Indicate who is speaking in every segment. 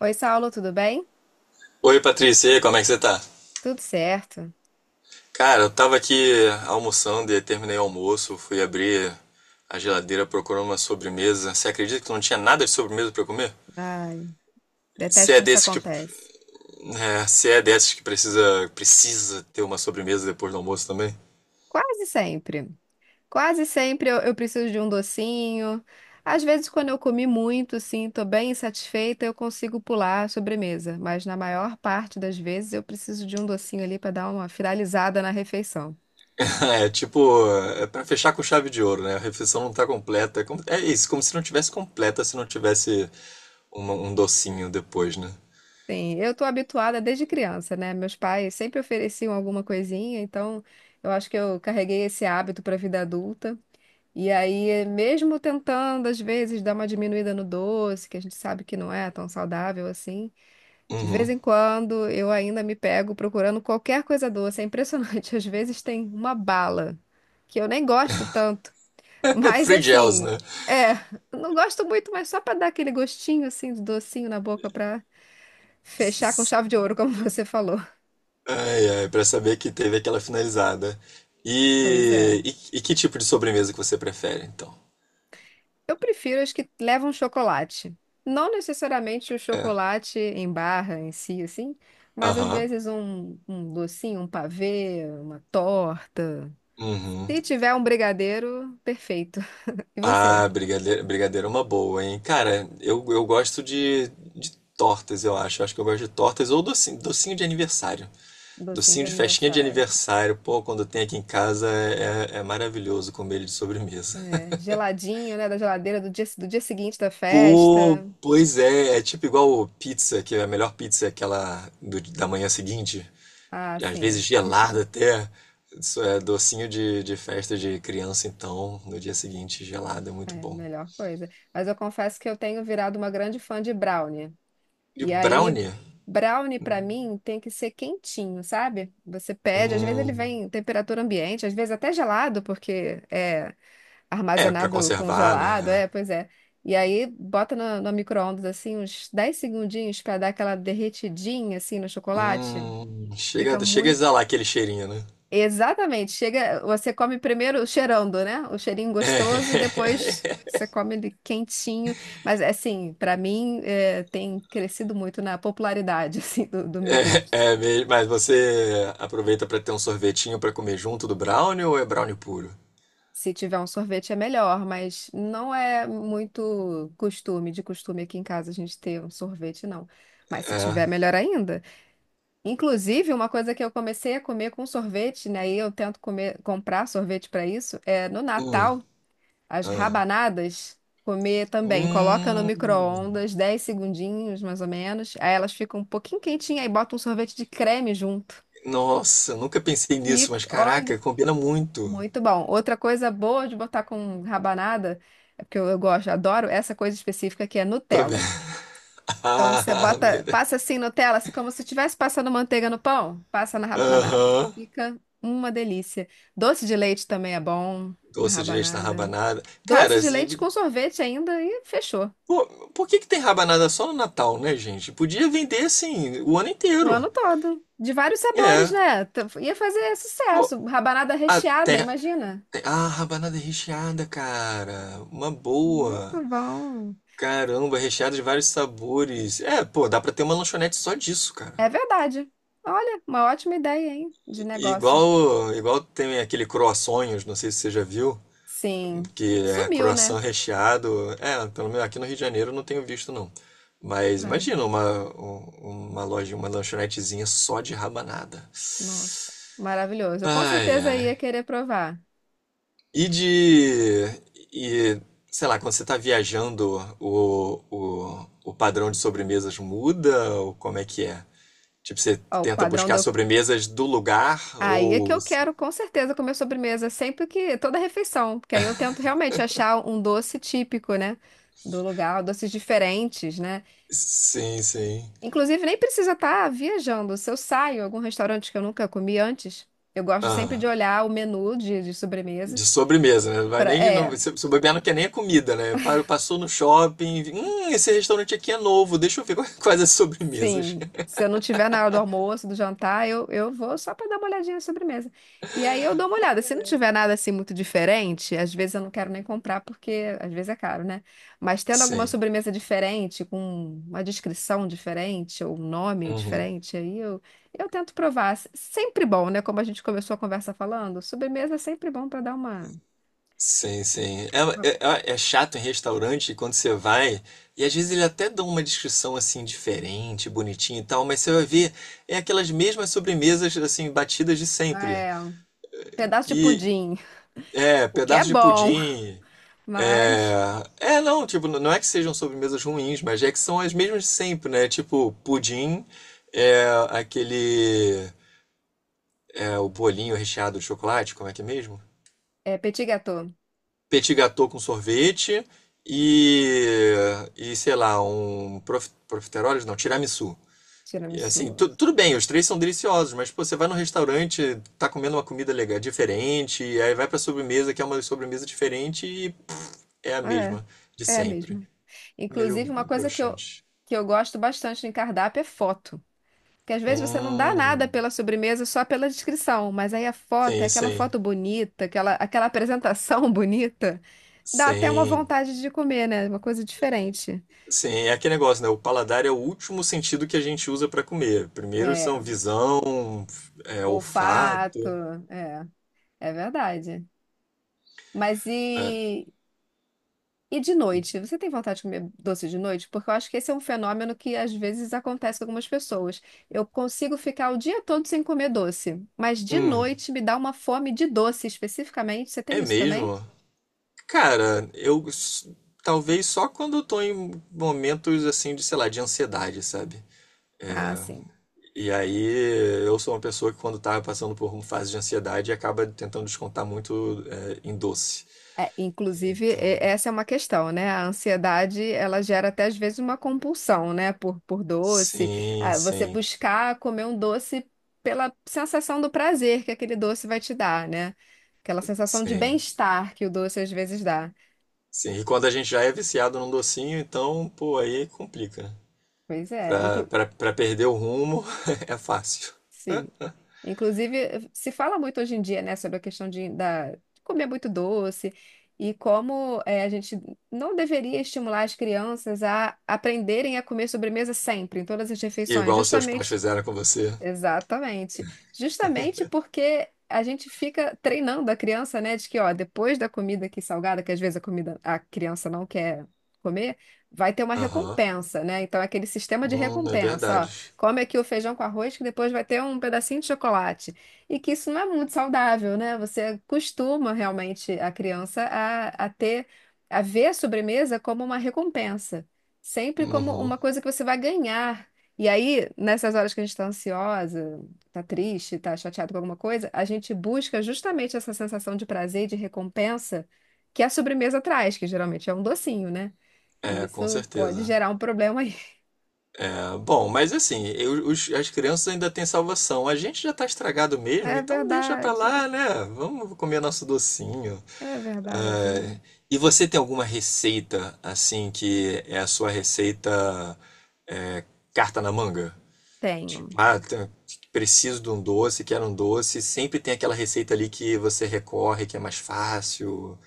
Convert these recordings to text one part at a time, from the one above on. Speaker 1: Oi, Saulo, tudo bem?
Speaker 2: Oi, Patrícia, e aí, como é que você tá?
Speaker 1: Tudo certo.
Speaker 2: Cara, eu tava aqui almoçando e terminei o almoço, fui abrir a geladeira procurando uma sobremesa. Você acredita que não tinha nada de sobremesa pra eu comer?
Speaker 1: Ai,
Speaker 2: Se
Speaker 1: detesto
Speaker 2: é
Speaker 1: quando isso
Speaker 2: desses que,
Speaker 1: acontece.
Speaker 2: é, Se é desses que precisa ter uma sobremesa depois do almoço também?
Speaker 1: Quase sempre. Quase sempre eu preciso de um docinho. Às vezes, quando eu comi muito, sim, tô bem insatisfeita, eu consigo pular a sobremesa. Mas na maior parte das vezes eu preciso de um docinho ali para dar uma finalizada na refeição.
Speaker 2: É tipo, é pra fechar com chave de ouro, né? A refeição não tá completa. É isso, como se não tivesse completa se não tivesse um docinho depois, né?
Speaker 1: Sim, eu tô habituada desde criança, né? Meus pais sempre ofereciam alguma coisinha, então eu acho que eu carreguei esse hábito para a vida adulta. E aí, mesmo tentando, às vezes, dar uma diminuída no doce, que a gente sabe que não é tão saudável assim, de vez em quando eu ainda me pego procurando qualquer coisa doce. É impressionante. Às vezes tem uma bala, que eu nem gosto tanto,
Speaker 2: É
Speaker 1: mas
Speaker 2: free gels,
Speaker 1: assim,
Speaker 2: né?
Speaker 1: é, não gosto muito, mas só para dar aquele gostinho assim, de docinho na boca, para fechar com chave de ouro, como você falou.
Speaker 2: Ai, ai, pra saber que teve aquela finalizada.
Speaker 1: Pois é.
Speaker 2: E, e que tipo de sobremesa que você prefere, então?
Speaker 1: Eu prefiro as que levam chocolate. Não necessariamente o
Speaker 2: É,
Speaker 1: chocolate em barra em si, assim, mas às
Speaker 2: aham,
Speaker 1: vezes um docinho, um pavê, uma torta.
Speaker 2: uhum.
Speaker 1: Se tiver um brigadeiro, perfeito. E você?
Speaker 2: Ah, brigadeiro é uma boa, hein? Cara, eu gosto de tortas, eu acho. Eu acho que eu gosto de tortas ou docinho de aniversário.
Speaker 1: Docinho de
Speaker 2: Docinho de festinha de
Speaker 1: aniversário.
Speaker 2: aniversário, pô, quando tem aqui em casa é maravilhoso comer ele de sobremesa.
Speaker 1: É, geladinho, né? Da geladeira do dia seguinte da
Speaker 2: Pô,
Speaker 1: festa.
Speaker 2: pois é, é tipo igual pizza, que é a melhor pizza é aquela da manhã seguinte.
Speaker 1: Ah,
Speaker 2: Às
Speaker 1: sim.
Speaker 2: vezes gelada até. Isso é docinho de festa de criança, então, no dia seguinte, gelado é
Speaker 1: É
Speaker 2: muito
Speaker 1: a
Speaker 2: bom.
Speaker 1: melhor coisa. Mas eu confesso que eu tenho virado uma grande fã de brownie.
Speaker 2: E
Speaker 1: E aí,
Speaker 2: brownie?
Speaker 1: brownie pra mim tem que ser quentinho, sabe? Você pede, às vezes ele
Speaker 2: Hum,
Speaker 1: vem em temperatura ambiente, às vezes até gelado, porque é
Speaker 2: é, pra
Speaker 1: armazenado
Speaker 2: conservar,
Speaker 1: congelado,
Speaker 2: né?
Speaker 1: é, pois é. E aí bota no micro-ondas assim uns 10 segundinhos pra dar aquela derretidinha assim no chocolate. Fica
Speaker 2: Chega a
Speaker 1: muito
Speaker 2: exalar aquele cheirinho, né?
Speaker 1: exatamente. Chega, você come primeiro cheirando, né? O cheirinho gostoso e depois
Speaker 2: É,
Speaker 1: você come ele quentinho. Mas assim, pra mim é, tem crescido muito na popularidade assim do meu gosto.
Speaker 2: é mesmo, mas você aproveita pra ter um sorvetinho pra comer junto do brownie ou é brownie puro?
Speaker 1: Se tiver um sorvete é melhor, mas não é muito costume, de costume aqui em casa a gente ter um sorvete, não. Mas se tiver, melhor ainda. Inclusive, uma coisa que eu comecei a comer com sorvete, né? E eu tento comer, comprar sorvete para isso, é no
Speaker 2: Hum,
Speaker 1: Natal. As
Speaker 2: ah.
Speaker 1: rabanadas, comer também. Coloca no
Speaker 2: Hum,
Speaker 1: micro-ondas, 10 segundinhos, mais ou menos. Aí elas ficam um pouquinho quentinhas, aí bota um sorvete de creme junto.
Speaker 2: nossa, nunca pensei nisso,
Speaker 1: E
Speaker 2: mas caraca,
Speaker 1: olha,
Speaker 2: combina muito.
Speaker 1: muito bom. Outra coisa boa de botar com rabanada, é porque eu gosto, adoro essa coisa específica que é
Speaker 2: Tô vendo.
Speaker 1: Nutella. Então você
Speaker 2: Ah,
Speaker 1: bota, passa assim Nutella, assim como se estivesse passando manteiga no pão, passa na rabanada.
Speaker 2: aham.
Speaker 1: Fica uma delícia. Doce de leite também é bom na
Speaker 2: Doce de leite na
Speaker 1: rabanada.
Speaker 2: rabanada.
Speaker 1: Doce
Speaker 2: Cara,
Speaker 1: de leite
Speaker 2: se-
Speaker 1: com sorvete ainda e fechou.
Speaker 2: pô, por que que tem rabanada só no Natal, né, gente? Podia vender assim o ano
Speaker 1: O
Speaker 2: inteiro.
Speaker 1: ano todo. De vários sabores,
Speaker 2: É.
Speaker 1: né? Ia fazer
Speaker 2: Pô,
Speaker 1: sucesso. Rabanada recheada,
Speaker 2: até.
Speaker 1: imagina.
Speaker 2: Ah, rabanada recheada, cara. Uma boa.
Speaker 1: Muito bom.
Speaker 2: Caramba, recheada de vários sabores. É, pô, dá pra ter uma lanchonete só disso, cara.
Speaker 1: É verdade. Olha, uma ótima ideia, hein? De negócio.
Speaker 2: Igual tem aquele croissonhos, não sei se você já viu.
Speaker 1: Sim.
Speaker 2: Que é
Speaker 1: Sumiu, né?
Speaker 2: croissant recheado. É, pelo menos aqui no Rio de Janeiro eu não tenho visto não. Mas
Speaker 1: É.
Speaker 2: uma loja, uma lanchonetezinha só de rabanada.
Speaker 1: Nossa, maravilhoso. Eu com
Speaker 2: Ai,
Speaker 1: certeza
Speaker 2: ai.
Speaker 1: ia querer provar.
Speaker 2: E de. E, sei lá, quando você tá viajando, o padrão de sobremesas muda? Ou como é que é? Tipo, você
Speaker 1: Ó, o
Speaker 2: tenta
Speaker 1: padrão
Speaker 2: buscar
Speaker 1: deu.
Speaker 2: sobremesas do lugar?
Speaker 1: Aí é que
Speaker 2: Ou.
Speaker 1: eu quero, com certeza, comer sobremesa sempre que. Toda refeição. Porque aí eu tento realmente achar um doce típico, né? Do lugar, doces diferentes, né?
Speaker 2: Sim, sim.
Speaker 1: Inclusive, nem precisa estar viajando. Se eu saio em algum restaurante que eu nunca comi antes, eu gosto sempre
Speaker 2: Aham.
Speaker 1: de olhar o menu de
Speaker 2: De
Speaker 1: sobremesas
Speaker 2: sobremesa, né? Vai
Speaker 1: para,
Speaker 2: nem, não,
Speaker 1: é,
Speaker 2: se bobear não quer nem a comida, né? Passou no shopping, esse restaurante aqui é novo, deixa eu ver quais as sobremesas.
Speaker 1: sim, se eu não tiver na hora do almoço, do jantar, eu vou só para dar uma olhadinha na sobremesa. E aí eu dou uma olhada. Se não tiver nada assim muito diferente, às vezes eu não quero nem comprar, porque às vezes é caro, né? Mas tendo alguma
Speaker 2: Sim.
Speaker 1: sobremesa diferente, com uma descrição diferente, ou um nome
Speaker 2: Uhum.
Speaker 1: diferente, aí eu tento provar. Sempre bom, né? Como a gente começou a conversa falando, sobremesa é sempre bom para dar
Speaker 2: Sim, sim.
Speaker 1: uma-
Speaker 2: É chato em restaurante quando você vai, e às vezes ele até dá uma descrição assim diferente, bonitinha e tal, mas você vai ver, é aquelas mesmas sobremesas assim, batidas de sempre.
Speaker 1: é, um pedaço de
Speaker 2: E
Speaker 1: pudim,
Speaker 2: é,
Speaker 1: o que é
Speaker 2: pedaço de
Speaker 1: bom,
Speaker 2: pudim,
Speaker 1: mas
Speaker 2: Não, tipo, não é que sejam sobremesas ruins, mas é que são as mesmas de sempre, né? Tipo, pudim, é aquele, é o bolinho recheado de chocolate, como é que é mesmo?
Speaker 1: é petit gâteau,
Speaker 2: Petit gâteau com sorvete e, e sei lá, profiteroles, não, tiramisu. E assim,
Speaker 1: tiramisu.
Speaker 2: tudo bem, os três são deliciosos, mas pô, você vai no restaurante, tá comendo uma comida legal, diferente, e aí vai pra sobremesa, que é uma sobremesa diferente e pff, é a
Speaker 1: É.
Speaker 2: mesma de
Speaker 1: É
Speaker 2: sempre.
Speaker 1: mesmo. Inclusive,
Speaker 2: Meio
Speaker 1: uma coisa
Speaker 2: broxante.
Speaker 1: que eu gosto bastante em cardápio é foto. Porque às vezes você não dá nada
Speaker 2: Hum,
Speaker 1: pela sobremesa só pela descrição, mas aí a foto é
Speaker 2: sim,
Speaker 1: aquela
Speaker 2: sim,
Speaker 1: foto bonita, aquela, aquela apresentação bonita, dá até uma
Speaker 2: sim,
Speaker 1: vontade de comer, né? Uma coisa diferente.
Speaker 2: sim. É aquele negócio, né? O paladar é o último sentido que a gente usa para comer. Primeiro
Speaker 1: É,
Speaker 2: são visão, é,
Speaker 1: olfato,
Speaker 2: olfato.
Speaker 1: é, é verdade. Mas
Speaker 2: É,
Speaker 1: e de noite, você tem vontade de comer doce de noite? Porque eu acho que esse é um fenômeno que às vezes acontece com algumas pessoas. Eu consigo ficar o dia todo sem comer doce, mas de
Speaker 2: hum,
Speaker 1: noite me dá uma fome de doce especificamente. Você tem
Speaker 2: é
Speaker 1: isso também?
Speaker 2: mesmo? Cara, eu s- talvez só quando eu tô em momentos assim de, sei lá, de ansiedade, sabe?
Speaker 1: Ah, sim.
Speaker 2: E aí eu sou uma pessoa que quando tá passando por uma fase de ansiedade acaba tentando descontar muito é, em doce.
Speaker 1: É, inclusive,
Speaker 2: Então,
Speaker 1: essa é uma questão, né? A ansiedade, ela gera até às vezes uma compulsão, né? Por doce.
Speaker 2: sim,
Speaker 1: Ah, você
Speaker 2: sim,
Speaker 1: buscar comer um doce pela sensação do prazer que aquele doce vai te dar, né? Aquela sensação de
Speaker 2: sim.
Speaker 1: bem-estar que o doce às vezes dá.
Speaker 2: Sim, e quando a gente já é viciado num docinho, então, pô, aí complica. Né?
Speaker 1: Pois é, inclu
Speaker 2: Pra perder o rumo é fácil.
Speaker 1: sim. Inclusive, se fala muito hoje em dia, né, sobre a questão de, da, de comer muito doce e como eh, a gente não deveria estimular as crianças a aprenderem a comer sobremesa sempre, em todas as
Speaker 2: E
Speaker 1: refeições,
Speaker 2: igual os seus pais
Speaker 1: justamente
Speaker 2: fizeram com você.
Speaker 1: exatamente. Justamente porque a gente fica treinando a criança, né, de que, ó, depois da comida aqui salgada, que às vezes a comida a criança não quer comer, vai ter uma
Speaker 2: Aham.
Speaker 1: recompensa, né? Então é aquele sistema de
Speaker 2: É
Speaker 1: recompensa, ó,
Speaker 2: verdade.
Speaker 1: come aqui o feijão com arroz que depois vai ter um pedacinho de chocolate. E que isso não é muito saudável, né? Você costuma realmente a criança a ter a ver a sobremesa como uma recompensa, sempre como
Speaker 2: Uhum.
Speaker 1: uma coisa que você vai ganhar e aí, nessas horas que a gente tá ansiosa, tá triste, tá chateado com alguma coisa, a gente busca justamente essa sensação de prazer e de recompensa que a sobremesa traz, que geralmente é um docinho, né? E
Speaker 2: É, com
Speaker 1: isso pode
Speaker 2: certeza.
Speaker 1: gerar um problema aí.
Speaker 2: É, bom, mas assim, eu- os- as crianças ainda têm salvação. A gente já tá estragado mesmo,
Speaker 1: É
Speaker 2: então deixa pra
Speaker 1: verdade,
Speaker 2: lá, né? Vamos comer nosso docinho.
Speaker 1: é verdade.
Speaker 2: É, e você tem alguma receita, assim, que é a sua receita, é, carta na manga?
Speaker 1: Tenho.
Speaker 2: Tipo, ah, tá- preciso de um doce, quero um doce. Sempre tem aquela receita ali que você recorre, que é mais fácil,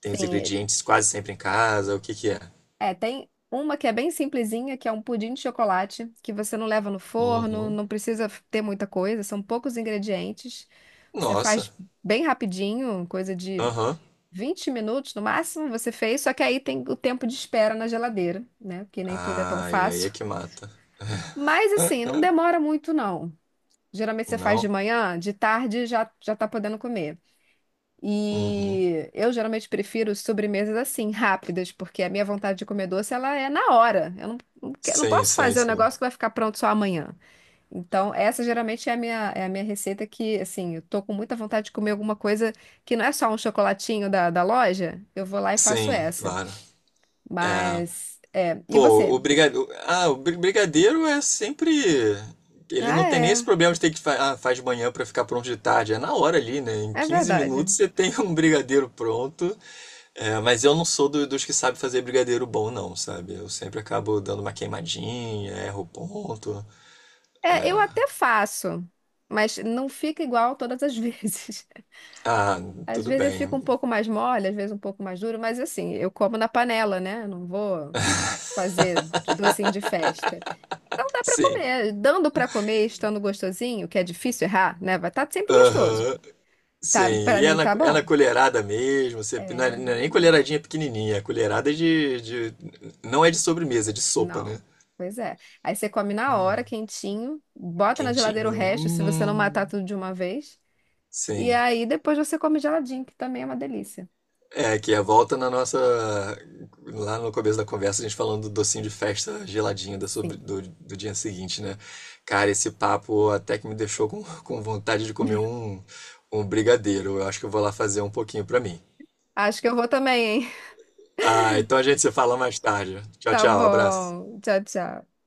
Speaker 2: tem os
Speaker 1: Tem,
Speaker 2: ingredientes quase sempre em casa. O que que é?
Speaker 1: é, tem uma que é bem simplesinha, que é um pudim de chocolate, que você não leva no forno,
Speaker 2: Uhum.
Speaker 1: não precisa ter muita coisa, são poucos ingredientes. Você
Speaker 2: Nossa.
Speaker 1: faz bem rapidinho, coisa de
Speaker 2: Aham.
Speaker 1: 20 minutos no máximo você fez, só que aí tem o tempo de espera na geladeira, né? Porque nem tudo é tão
Speaker 2: Ai, aí é
Speaker 1: fácil.
Speaker 2: que mata.
Speaker 1: Mas assim, não demora muito não. Geralmente você faz de
Speaker 2: Não?
Speaker 1: manhã, de tarde já já tá podendo comer.
Speaker 2: Uhum.
Speaker 1: E eu geralmente prefiro sobremesas assim, rápidas, porque a minha vontade de comer doce ela é na hora. Eu não, não, que- não posso fazer um
Speaker 2: Sim.
Speaker 1: negócio que vai ficar pronto só amanhã. Então, essa geralmente é a minha receita que, assim, eu tô com muita vontade de comer alguma coisa que não é só um chocolatinho da loja. Eu vou lá e faço
Speaker 2: Sim,
Speaker 1: essa.
Speaker 2: claro. É,
Speaker 1: Mas, é. E
Speaker 2: pô,
Speaker 1: você?
Speaker 2: o brigadeiro. Brigadeiro é sempre. Ele
Speaker 1: Ah,
Speaker 2: não tem nem
Speaker 1: é.
Speaker 2: esse problema de ter que ah, faz de manhã pra ficar pronto de tarde. É na hora ali, né? Em
Speaker 1: É
Speaker 2: 15
Speaker 1: verdade.
Speaker 2: minutos você tem um brigadeiro pronto. É, mas eu não sou dos que sabe fazer brigadeiro bom, não, sabe? Eu sempre acabo dando uma queimadinha, erro o ponto.
Speaker 1: É, eu até faço, mas não fica igual todas as vezes.
Speaker 2: Ah,
Speaker 1: Às
Speaker 2: tudo
Speaker 1: vezes ele fica
Speaker 2: bem.
Speaker 1: um pouco mais mole, às vezes um pouco mais duro, mas assim, eu como na panela, né? Eu não vou fazer docinho de festa. Não dá pra
Speaker 2: Sim.
Speaker 1: comer. Dando pra comer, estando gostosinho, que é difícil errar, né? Vai estar sempre gostoso.
Speaker 2: Aham.
Speaker 1: Tá,
Speaker 2: Sim.
Speaker 1: para
Speaker 2: E
Speaker 1: mim tá
Speaker 2: é na
Speaker 1: bom.
Speaker 2: colherada mesmo. Você, não, é,
Speaker 1: É,
Speaker 2: não é nem colheradinha pequenininha. É colherada de, de. Não é de sobremesa, é de sopa,
Speaker 1: não.
Speaker 2: né?
Speaker 1: Pois é. Aí você come na
Speaker 2: Hum,
Speaker 1: hora, quentinho, bota na geladeira o
Speaker 2: quentinho.
Speaker 1: resto, se você não matar
Speaker 2: Hum.
Speaker 1: tudo de uma vez. E
Speaker 2: Sim.
Speaker 1: aí depois você come geladinho, que também é uma delícia.
Speaker 2: É, que é volta na nossa. Lá no começo da conversa, a gente falando do docinho de festa geladinho da
Speaker 1: Sim.
Speaker 2: do dia seguinte, né? Cara, esse papo até que me deixou com, com vontade de comer um brigadeiro. Eu acho que eu vou lá fazer um pouquinho pra mim.
Speaker 1: Acho que eu vou também, hein?
Speaker 2: Ah, então a gente se fala mais tarde. Tchau,
Speaker 1: Tá
Speaker 2: tchau, abraço.
Speaker 1: bom. Tchau, tchau.